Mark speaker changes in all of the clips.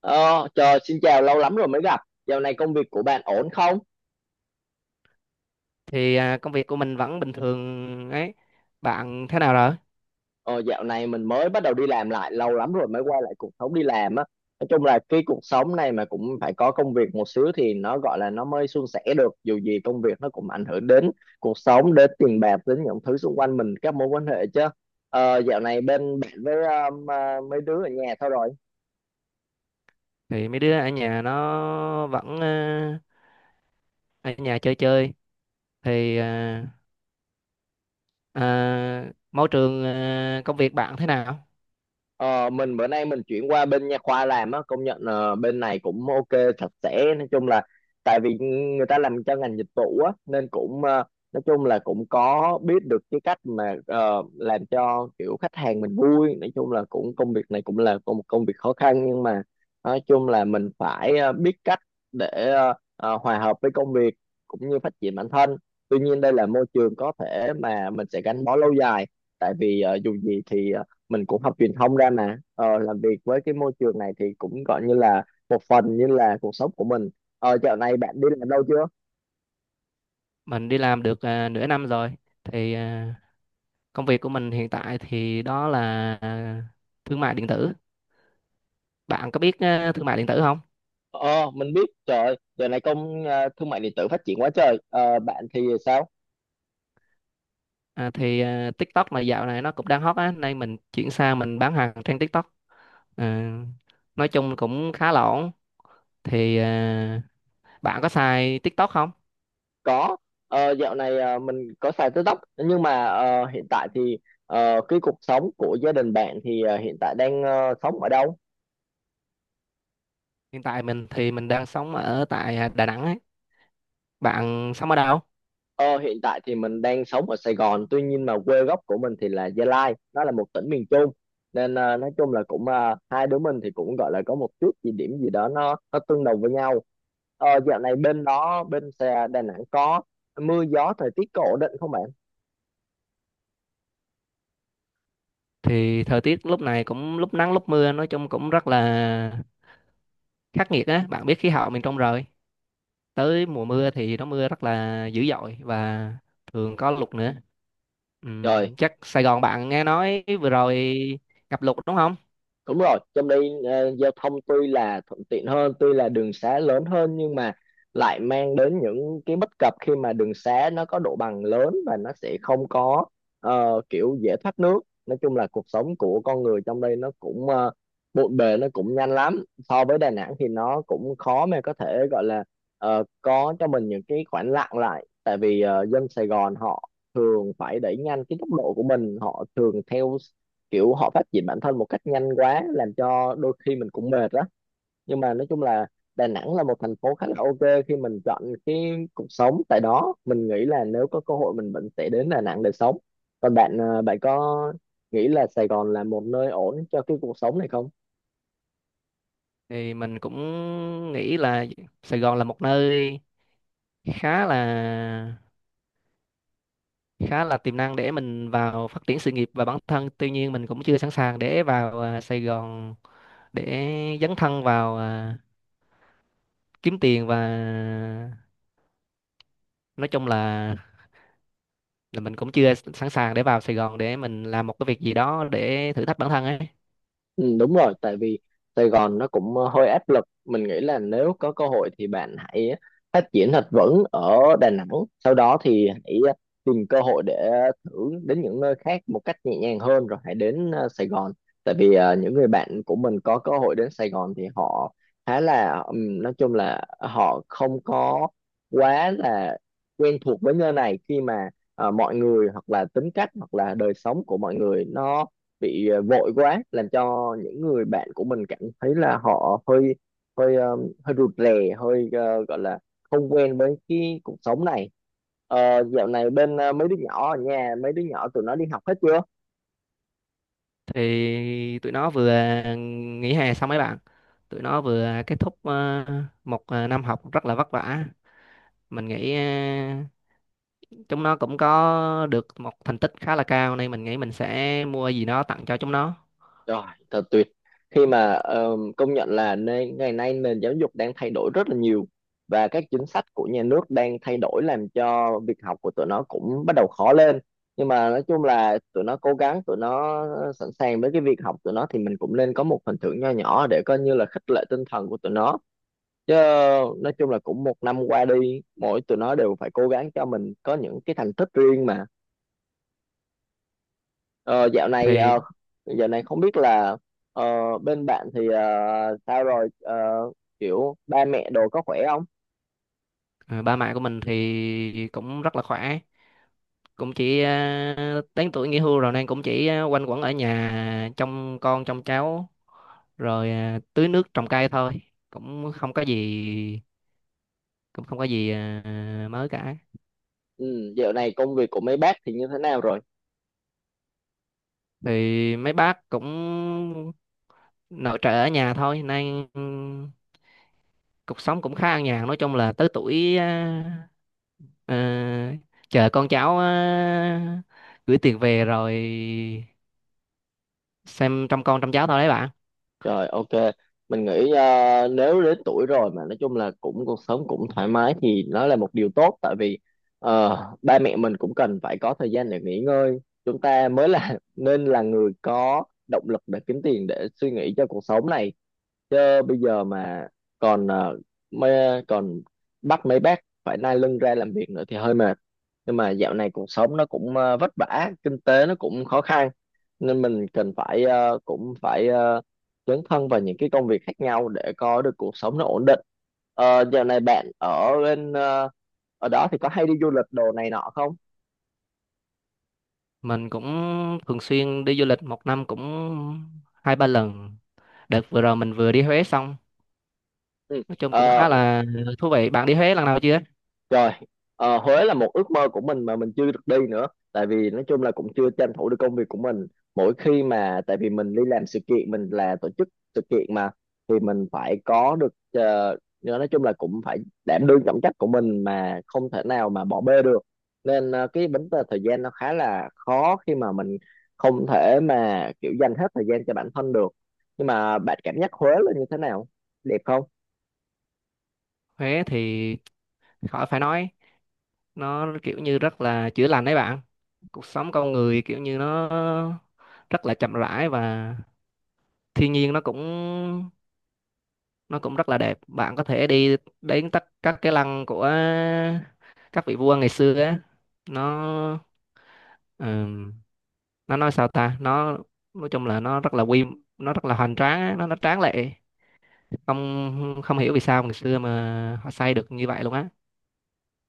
Speaker 1: Ờ, Chờ, xin chào, lâu lắm rồi mới gặp. Dạo này công việc của bạn ổn không?
Speaker 2: Thì công việc của mình vẫn bình thường ấy. Bạn thế nào rồi?
Speaker 1: Ờ, Dạo này mình mới bắt đầu đi làm lại, lâu lắm rồi mới quay lại cuộc sống đi làm á. Nói chung là cái cuộc sống này mà cũng phải có công việc một xíu thì nó gọi là nó mới suôn sẻ được. Dù gì công việc nó cũng ảnh hưởng đến cuộc sống, đến tiền bạc, đến những thứ xung quanh mình, các mối quan hệ chứ. Dạo này bên bạn với mấy đứa ở nhà thôi rồi.
Speaker 2: Thì mấy đứa ở nhà nó vẫn ở nhà chơi chơi. Thì công việc bạn thế nào?
Speaker 1: Ờ, mình bữa nay mình chuyển qua bên nha khoa làm á. Công nhận bên này cũng ok, sạch sẽ. Nói chung là tại vì người ta làm cho ngành dịch vụ á nên cũng nói chung là cũng có biết được cái cách mà làm cho kiểu khách hàng mình vui. Nói chung là cũng công việc này cũng là có một công việc khó khăn, nhưng mà nói chung là mình phải biết cách để hòa hợp với công việc cũng như phát triển bản thân. Tuy nhiên đây là môi trường có thể mà mình sẽ gắn bó lâu dài, tại vì dù gì thì mình cũng học truyền thông ra mà làm việc với cái môi trường này thì cũng gọi như là một phần như là cuộc sống của mình. Dạo này bạn đi làm đâu chưa?
Speaker 2: Mình đi làm được nửa năm rồi. Thì công việc của mình hiện tại thì đó là à, thương mại điện tử. Bạn có biết thương mại điện tử không?
Speaker 1: Ờ mình biết, trời ơi, dạo này thương mại điện tử phát triển quá trời. Ờ, Bạn thì sao?
Speaker 2: À, thì TikTok mà dạo này nó cũng đang hot á, nên mình chuyển sang mình bán hàng trên TikTok. À, nói chung cũng khá là ổn. Thì bạn có xài TikTok không?
Speaker 1: Có. Dạo này mình có xài TikTok nhưng mà hiện tại thì. Cái cuộc sống của gia đình bạn thì hiện tại đang sống ở đâu?
Speaker 2: Hiện tại mình thì mình đang sống ở tại Đà Nẵng ấy. Bạn sống ở đâu?
Speaker 1: Ờ, Hiện tại thì mình đang sống ở Sài Gòn, tuy nhiên mà quê gốc của mình thì là Gia Lai, nó là một tỉnh miền Trung. Nên nói chung là cũng hai đứa mình thì cũng gọi là có một chút gì điểm gì đó nó tương đồng với nhau. Dạo này bên đó bên xe Đà Nẵng có mưa gió, thời tiết có ổn định không bạn?
Speaker 2: Thì thời tiết lúc này cũng lúc nắng lúc mưa, nói chung cũng rất là khắc nghiệt á. Bạn biết khí hậu miền Trung rồi. Tới mùa mưa thì nó mưa rất là dữ dội và thường có lụt nữa.
Speaker 1: Trời,
Speaker 2: Chắc Sài Gòn bạn nghe nói vừa rồi ngập lụt đúng không?
Speaker 1: đúng rồi, trong đây giao thông tuy là thuận tiện hơn, tuy là đường xá lớn hơn, nhưng mà lại mang đến những cái bất cập khi mà đường xá nó có độ bằng lớn và nó sẽ không có kiểu dễ thoát nước. Nói chung là cuộc sống của con người trong đây nó cũng bộn bề, nó cũng nhanh lắm. So với Đà Nẵng thì nó cũng khó mà có thể gọi là có cho mình những cái khoảng lặng lại, tại vì dân Sài Gòn họ thường phải đẩy nhanh cái tốc độ của mình, họ thường theo kiểu họ phát triển bản thân một cách nhanh quá làm cho đôi khi mình cũng mệt đó. Nhưng mà nói chung là Đà Nẵng là một thành phố khá là ok khi mình chọn cái cuộc sống tại đó. Mình nghĩ là nếu có cơ hội mình vẫn sẽ đến Đà Nẵng để sống. Còn bạn có nghĩ là Sài Gòn là một nơi ổn cho cái cuộc sống này không?
Speaker 2: Thì mình cũng nghĩ là Sài Gòn là một nơi khá là khá là tiềm năng để mình vào phát triển sự nghiệp và bản thân, tuy nhiên mình cũng chưa sẵn sàng để vào Sài Gòn, để dấn thân vào kiếm tiền, và nói chung là mình cũng chưa sẵn sàng để vào Sài Gòn để mình làm một cái việc gì đó để thử thách bản thân ấy.
Speaker 1: Ừ, đúng rồi, tại vì Sài Gòn nó cũng hơi áp lực. Mình nghĩ là nếu có cơ hội thì bạn hãy phát triển thật vững ở Đà Nẵng. Sau đó thì hãy tìm cơ hội để thử đến những nơi khác một cách nhẹ nhàng hơn rồi hãy đến Sài Gòn. Tại vì những người bạn của mình có cơ hội đến Sài Gòn thì họ khá là nói chung là họ không có quá là quen thuộc với nơi này, khi mà mọi người hoặc là tính cách hoặc là đời sống của mọi người nó bị vội quá, làm cho những người bạn của mình cảm thấy là họ hơi hơi ờ, hơi rụt rè, gọi là không quen với cái cuộc sống này. Dạo này bên mấy đứa nhỏ ở nhà, mấy đứa nhỏ tụi nó đi học hết chưa?
Speaker 2: Thì tụi nó vừa nghỉ hè xong. Mấy bạn tụi nó vừa kết thúc một năm học rất là vất vả. Mình nghĩ chúng nó cũng có được một thành tích khá là cao, nên mình nghĩ mình sẽ mua gì đó tặng cho chúng nó.
Speaker 1: Rồi, thật tuyệt. Khi mà công nhận là ngày nay nền giáo dục đang thay đổi rất là nhiều và các chính sách của nhà nước đang thay đổi làm cho việc học của tụi nó cũng bắt đầu khó lên. Nhưng mà nói chung là tụi nó cố gắng, tụi nó sẵn sàng với cái việc học, tụi nó thì mình cũng nên có một phần thưởng nho nhỏ để coi như là khích lệ tinh thần của tụi nó. Chứ nói chung là cũng một năm qua đi, mỗi tụi nó đều phải cố gắng cho mình có những cái thành tích riêng mà. Ờ, dạo này
Speaker 2: thì
Speaker 1: ờ, dạo này không biết là ờ, bên bạn thì sao rồi? Ờ, Kiểu ba mẹ đồ có khỏe không?
Speaker 2: ờ, ba mẹ của mình thì cũng rất là khỏe, cũng chỉ đến tuổi nghỉ hưu rồi nên cũng chỉ quanh quẩn ở nhà trông con trông cháu, rồi tưới nước trồng cây thôi. Cũng không có gì, cũng không có gì mới cả.
Speaker 1: Ừ, dạo này công việc của mấy bác thì như thế nào rồi?
Speaker 2: Thì mấy bác cũng nội trợ ở nhà thôi, nên cuộc sống cũng khá an nhàn. Nói chung là tới tuổi, à, chờ con cháu gửi tiền về, rồi xem trông con trông cháu thôi đấy bạn.
Speaker 1: Rồi, ok, mình nghĩ nếu đến tuổi rồi mà nói chung là cũng cuộc sống cũng thoải mái thì nó là một điều tốt, tại vì ba mẹ mình cũng cần phải có thời gian để nghỉ ngơi. Chúng ta mới là nên là người có động lực để kiếm tiền, để suy nghĩ cho cuộc sống này, chứ bây giờ mà còn ờ, còn bắt mấy bác phải nai lưng ra làm việc nữa thì hơi mệt. Nhưng mà dạo này cuộc sống nó cũng vất vả, kinh tế nó cũng khó khăn, nên mình cần phải cũng phải dấn thân vào những cái công việc khác nhau để có được cuộc sống nó ổn định. Dạo này bạn ở đó thì có hay đi du lịch đồ này nọ không?
Speaker 2: Mình cũng thường xuyên đi du lịch, một năm cũng hai ba lần. Đợt vừa rồi mình vừa đi Huế xong,
Speaker 1: Ừ.
Speaker 2: nói chung cũng
Speaker 1: Ờ,
Speaker 2: khá là thú vị. Bạn đi Huế lần nào chưa?
Speaker 1: Rồi, Huế là một ước mơ của mình mà mình chưa được đi nữa. Tại vì nói chung là cũng chưa tranh thủ được công việc của mình. Mỗi khi mà, tại vì mình đi làm sự kiện, mình là tổ chức sự kiện mà, thì mình phải có được, nói chung là cũng phải đảm đương trọng trách của mình mà không thể nào mà bỏ bê được. Nên cái vấn đề thời gian nó khá là khó khi mà mình không thể mà kiểu dành hết thời gian cho bản thân được. Nhưng mà bạn cảm giác Huế là như thế nào? Đẹp không?
Speaker 2: Huế thì khỏi phải nói, nó kiểu như rất là chữa lành đấy bạn. Cuộc sống con người kiểu như nó rất là chậm rãi, và thiên nhiên nó cũng rất là đẹp. Bạn có thể đi đến tất các cái lăng của các vị vua ngày xưa á. Nó ừm, nó nói sao ta, nó nói chung là nó rất là hoành tráng á, nó tráng lệ. Không không hiểu vì sao ngày xưa mà họ xây được như vậy luôn á.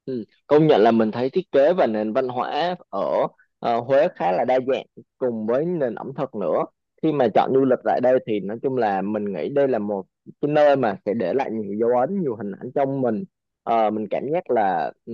Speaker 1: Ừ. Công nhận là mình thấy thiết kế và nền văn hóa ở Huế khá là đa dạng, cùng với nền ẩm thực nữa. Khi mà chọn du lịch tại đây thì nói chung là mình nghĩ đây là một cái nơi mà sẽ để lại nhiều dấu ấn, nhiều hình ảnh trong mình. Mình cảm giác là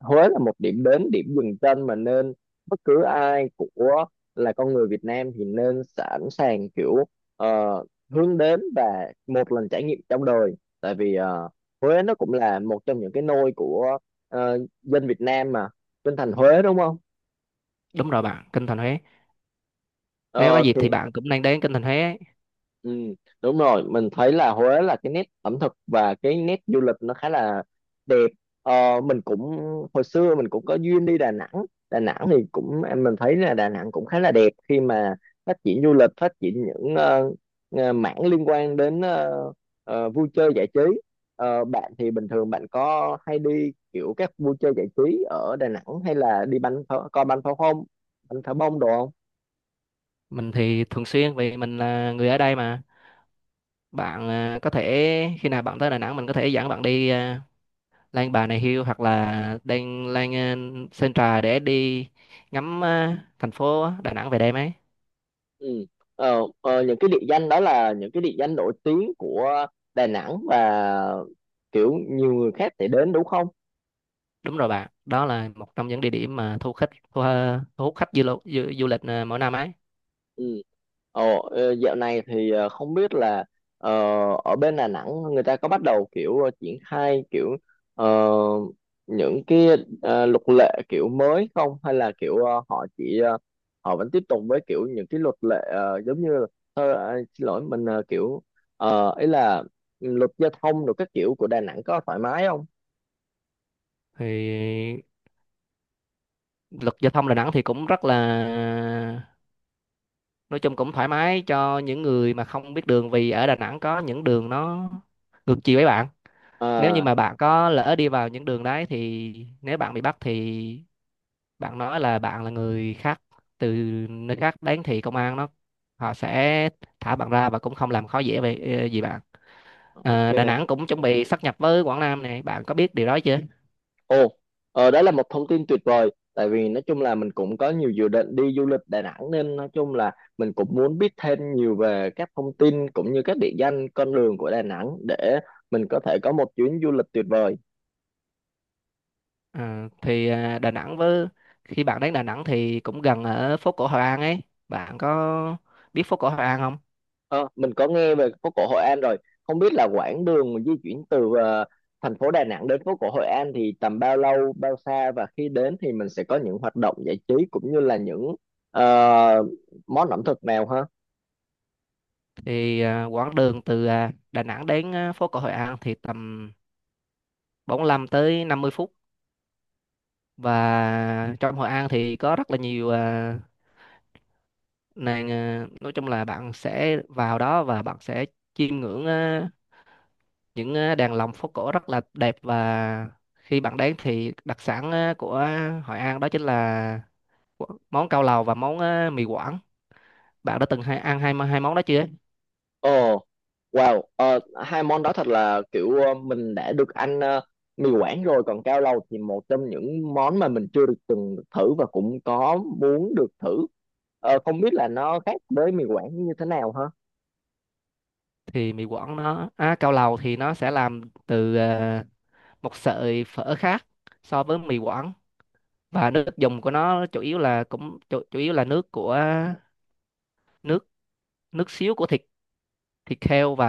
Speaker 1: Huế là một điểm đến, điểm dừng chân mà nên bất cứ ai của là con người Việt Nam thì nên sẵn sàng kiểu ờ, hướng đến và một lần trải nghiệm trong đời. Tại vì Huế nó cũng là một trong những cái nôi của dân Việt Nam mà, bên thành Huế đúng không?
Speaker 2: Đúng rồi bạn, Kinh Thành Huế. Nếu có
Speaker 1: Ờ
Speaker 2: dịp
Speaker 1: thì.
Speaker 2: thì bạn cũng nên đến Kinh Thành Huế ấy.
Speaker 1: Ừ, đúng rồi, mình thấy là Huế là cái nét ẩm thực và cái nét du lịch nó khá là đẹp. Mình cũng hồi xưa mình cũng có duyên đi Đà Nẵng. Đà Nẵng thì cũng em mình thấy là Đà Nẵng cũng khá là đẹp khi mà phát triển du lịch, phát triển những mảng liên quan đến vui chơi giải trí. Bạn thì bình thường bạn có hay đi kiểu các vui chơi giải trí ở Đà Nẵng hay là đi bắn pháo, coi bắn pháo không, bắn pháo bông đồ không?
Speaker 2: Mình thì thường xuyên vì mình là người ở đây mà. Bạn à, có thể khi nào bạn tới Đà Nẵng mình có thể dẫn bạn đi Lan Bà Nà Hills, hoặc là đang Lan Sơn Trà để đi ngắm thành phố Đà Nẵng về đêm ấy.
Speaker 1: Ừ. Những cái địa danh đó là những cái địa danh nổi tiếng của Đà Nẵng và kiểu nhiều người khác sẽ đến đúng không?
Speaker 2: Đúng rồi bạn, đó là một trong những địa điểm mà thu hút khách du lịch mỗi năm ấy.
Speaker 1: Ừ. Ồ, dạo này thì không biết là ờ, ở bên Đà Nẵng người ta có bắt đầu kiểu triển khai kiểu ờ, những cái luật lệ kiểu mới không, hay là kiểu họ vẫn tiếp tục với kiểu những cái luật lệ giống như là- thôi xin lỗi, mình kiểu ý là luật giao thông rồi các kiểu của Đà Nẵng có thoải mái không?
Speaker 2: Thì luật giao thông Đà Nẵng thì cũng rất là, nói chung cũng thoải mái cho những người mà không biết đường, vì ở Đà Nẵng có những đường nó ngược chiều ấy bạn. Nếu như
Speaker 1: À,
Speaker 2: mà bạn có lỡ đi vào những đường đấy thì nếu bạn bị bắt thì bạn nói là bạn là người khác từ nơi khác đến, thì công an nó họ sẽ thả bạn ra và cũng không làm khó dễ về gì bạn. Đà
Speaker 1: ok.
Speaker 2: Nẵng cũng chuẩn bị sáp nhập với Quảng Nam này, bạn có biết điều đó chưa?
Speaker 1: Ồ, đó là một thông tin tuyệt vời. Tại vì nói chung là mình cũng có nhiều dự định đi du lịch Đà Nẵng nên nói chung là mình cũng muốn biết thêm nhiều về các thông tin cũng như các địa danh, con đường của Đà Nẵng để mình có thể có một chuyến du lịch tuyệt vời.
Speaker 2: Ờ, thì Đà Nẵng với, khi bạn đến Đà Nẵng thì cũng gần ở phố cổ Hội An ấy. Bạn có biết phố cổ Hội An không?
Speaker 1: Ờ, mình có nghe về phố cổ Hội An rồi. Không biết là quãng đường di chuyển từ thành phố Đà Nẵng đến phố cổ Hội An thì tầm bao lâu, bao xa, và khi đến thì mình sẽ có những hoạt động giải trí cũng như là những ờ, món ẩm thực nào ha?
Speaker 2: Thì quãng đường từ Đà Nẵng đến phố cổ Hội An thì tầm 45 tới 50 phút. Và trong Hội An thì có rất là nhiều ờ, Nên nói chung là bạn sẽ vào đó và bạn sẽ chiêm ngưỡng những đàn lồng phố cổ rất là đẹp. Và khi bạn đến thì đặc sản của Hội An đó chính là món cao lầu và món mì Quảng. Bạn đã từng hai, ăn hai hai món đó chưa?
Speaker 1: Ồ. Wow, hai món đó thật là kiểu mình đã được ăn mì Quảng rồi, còn cao lầu thì một trong những món mà mình chưa được từng được thử và cũng có muốn được thử. Không biết là nó khác với mì Quảng như thế nào hả?
Speaker 2: Thì mì Quảng nó, cao lầu thì nó sẽ làm từ một sợi phở khác so với mì Quảng, và nước dùng của nó chủ yếu là chủ yếu là nước của nước nước xíu của thịt thịt heo, và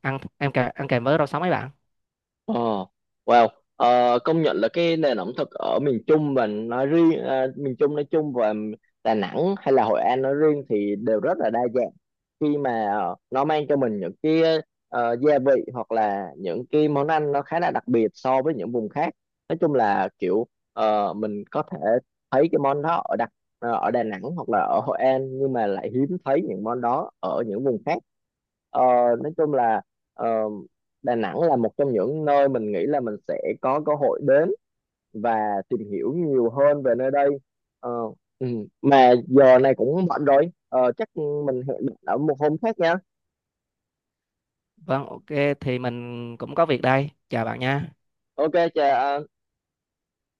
Speaker 2: ăn kèm với rau sống ấy bạn.
Speaker 1: Ờ, wow, công nhận là cái nền ẩm thực ở miền Trung, và nói riêng miền Trung nói chung và Đà Nẵng hay là Hội An nói riêng thì đều rất là đa dạng. Khi mà nó mang cho mình những cái gia vị hoặc là những cái món ăn nó khá là đặc biệt so với những vùng khác. Nói chung là kiểu mình có thể thấy cái món đó ở Đà Nẵng hoặc là ở Hội An, nhưng mà lại hiếm thấy những món đó ở những vùng khác. Ờ, nói chung là ờ, Đà Nẵng là một trong những nơi mình nghĩ là mình sẽ có cơ hội đến và tìm hiểu nhiều hơn về nơi đây. Ờ, ừ. Mà giờ này cũng muộn rồi, chắc mình hẹn bạn ở một hôm khác nha.
Speaker 2: Vâng, ok, thì mình cũng có việc đây. Chào bạn nha.
Speaker 1: Ok, chà.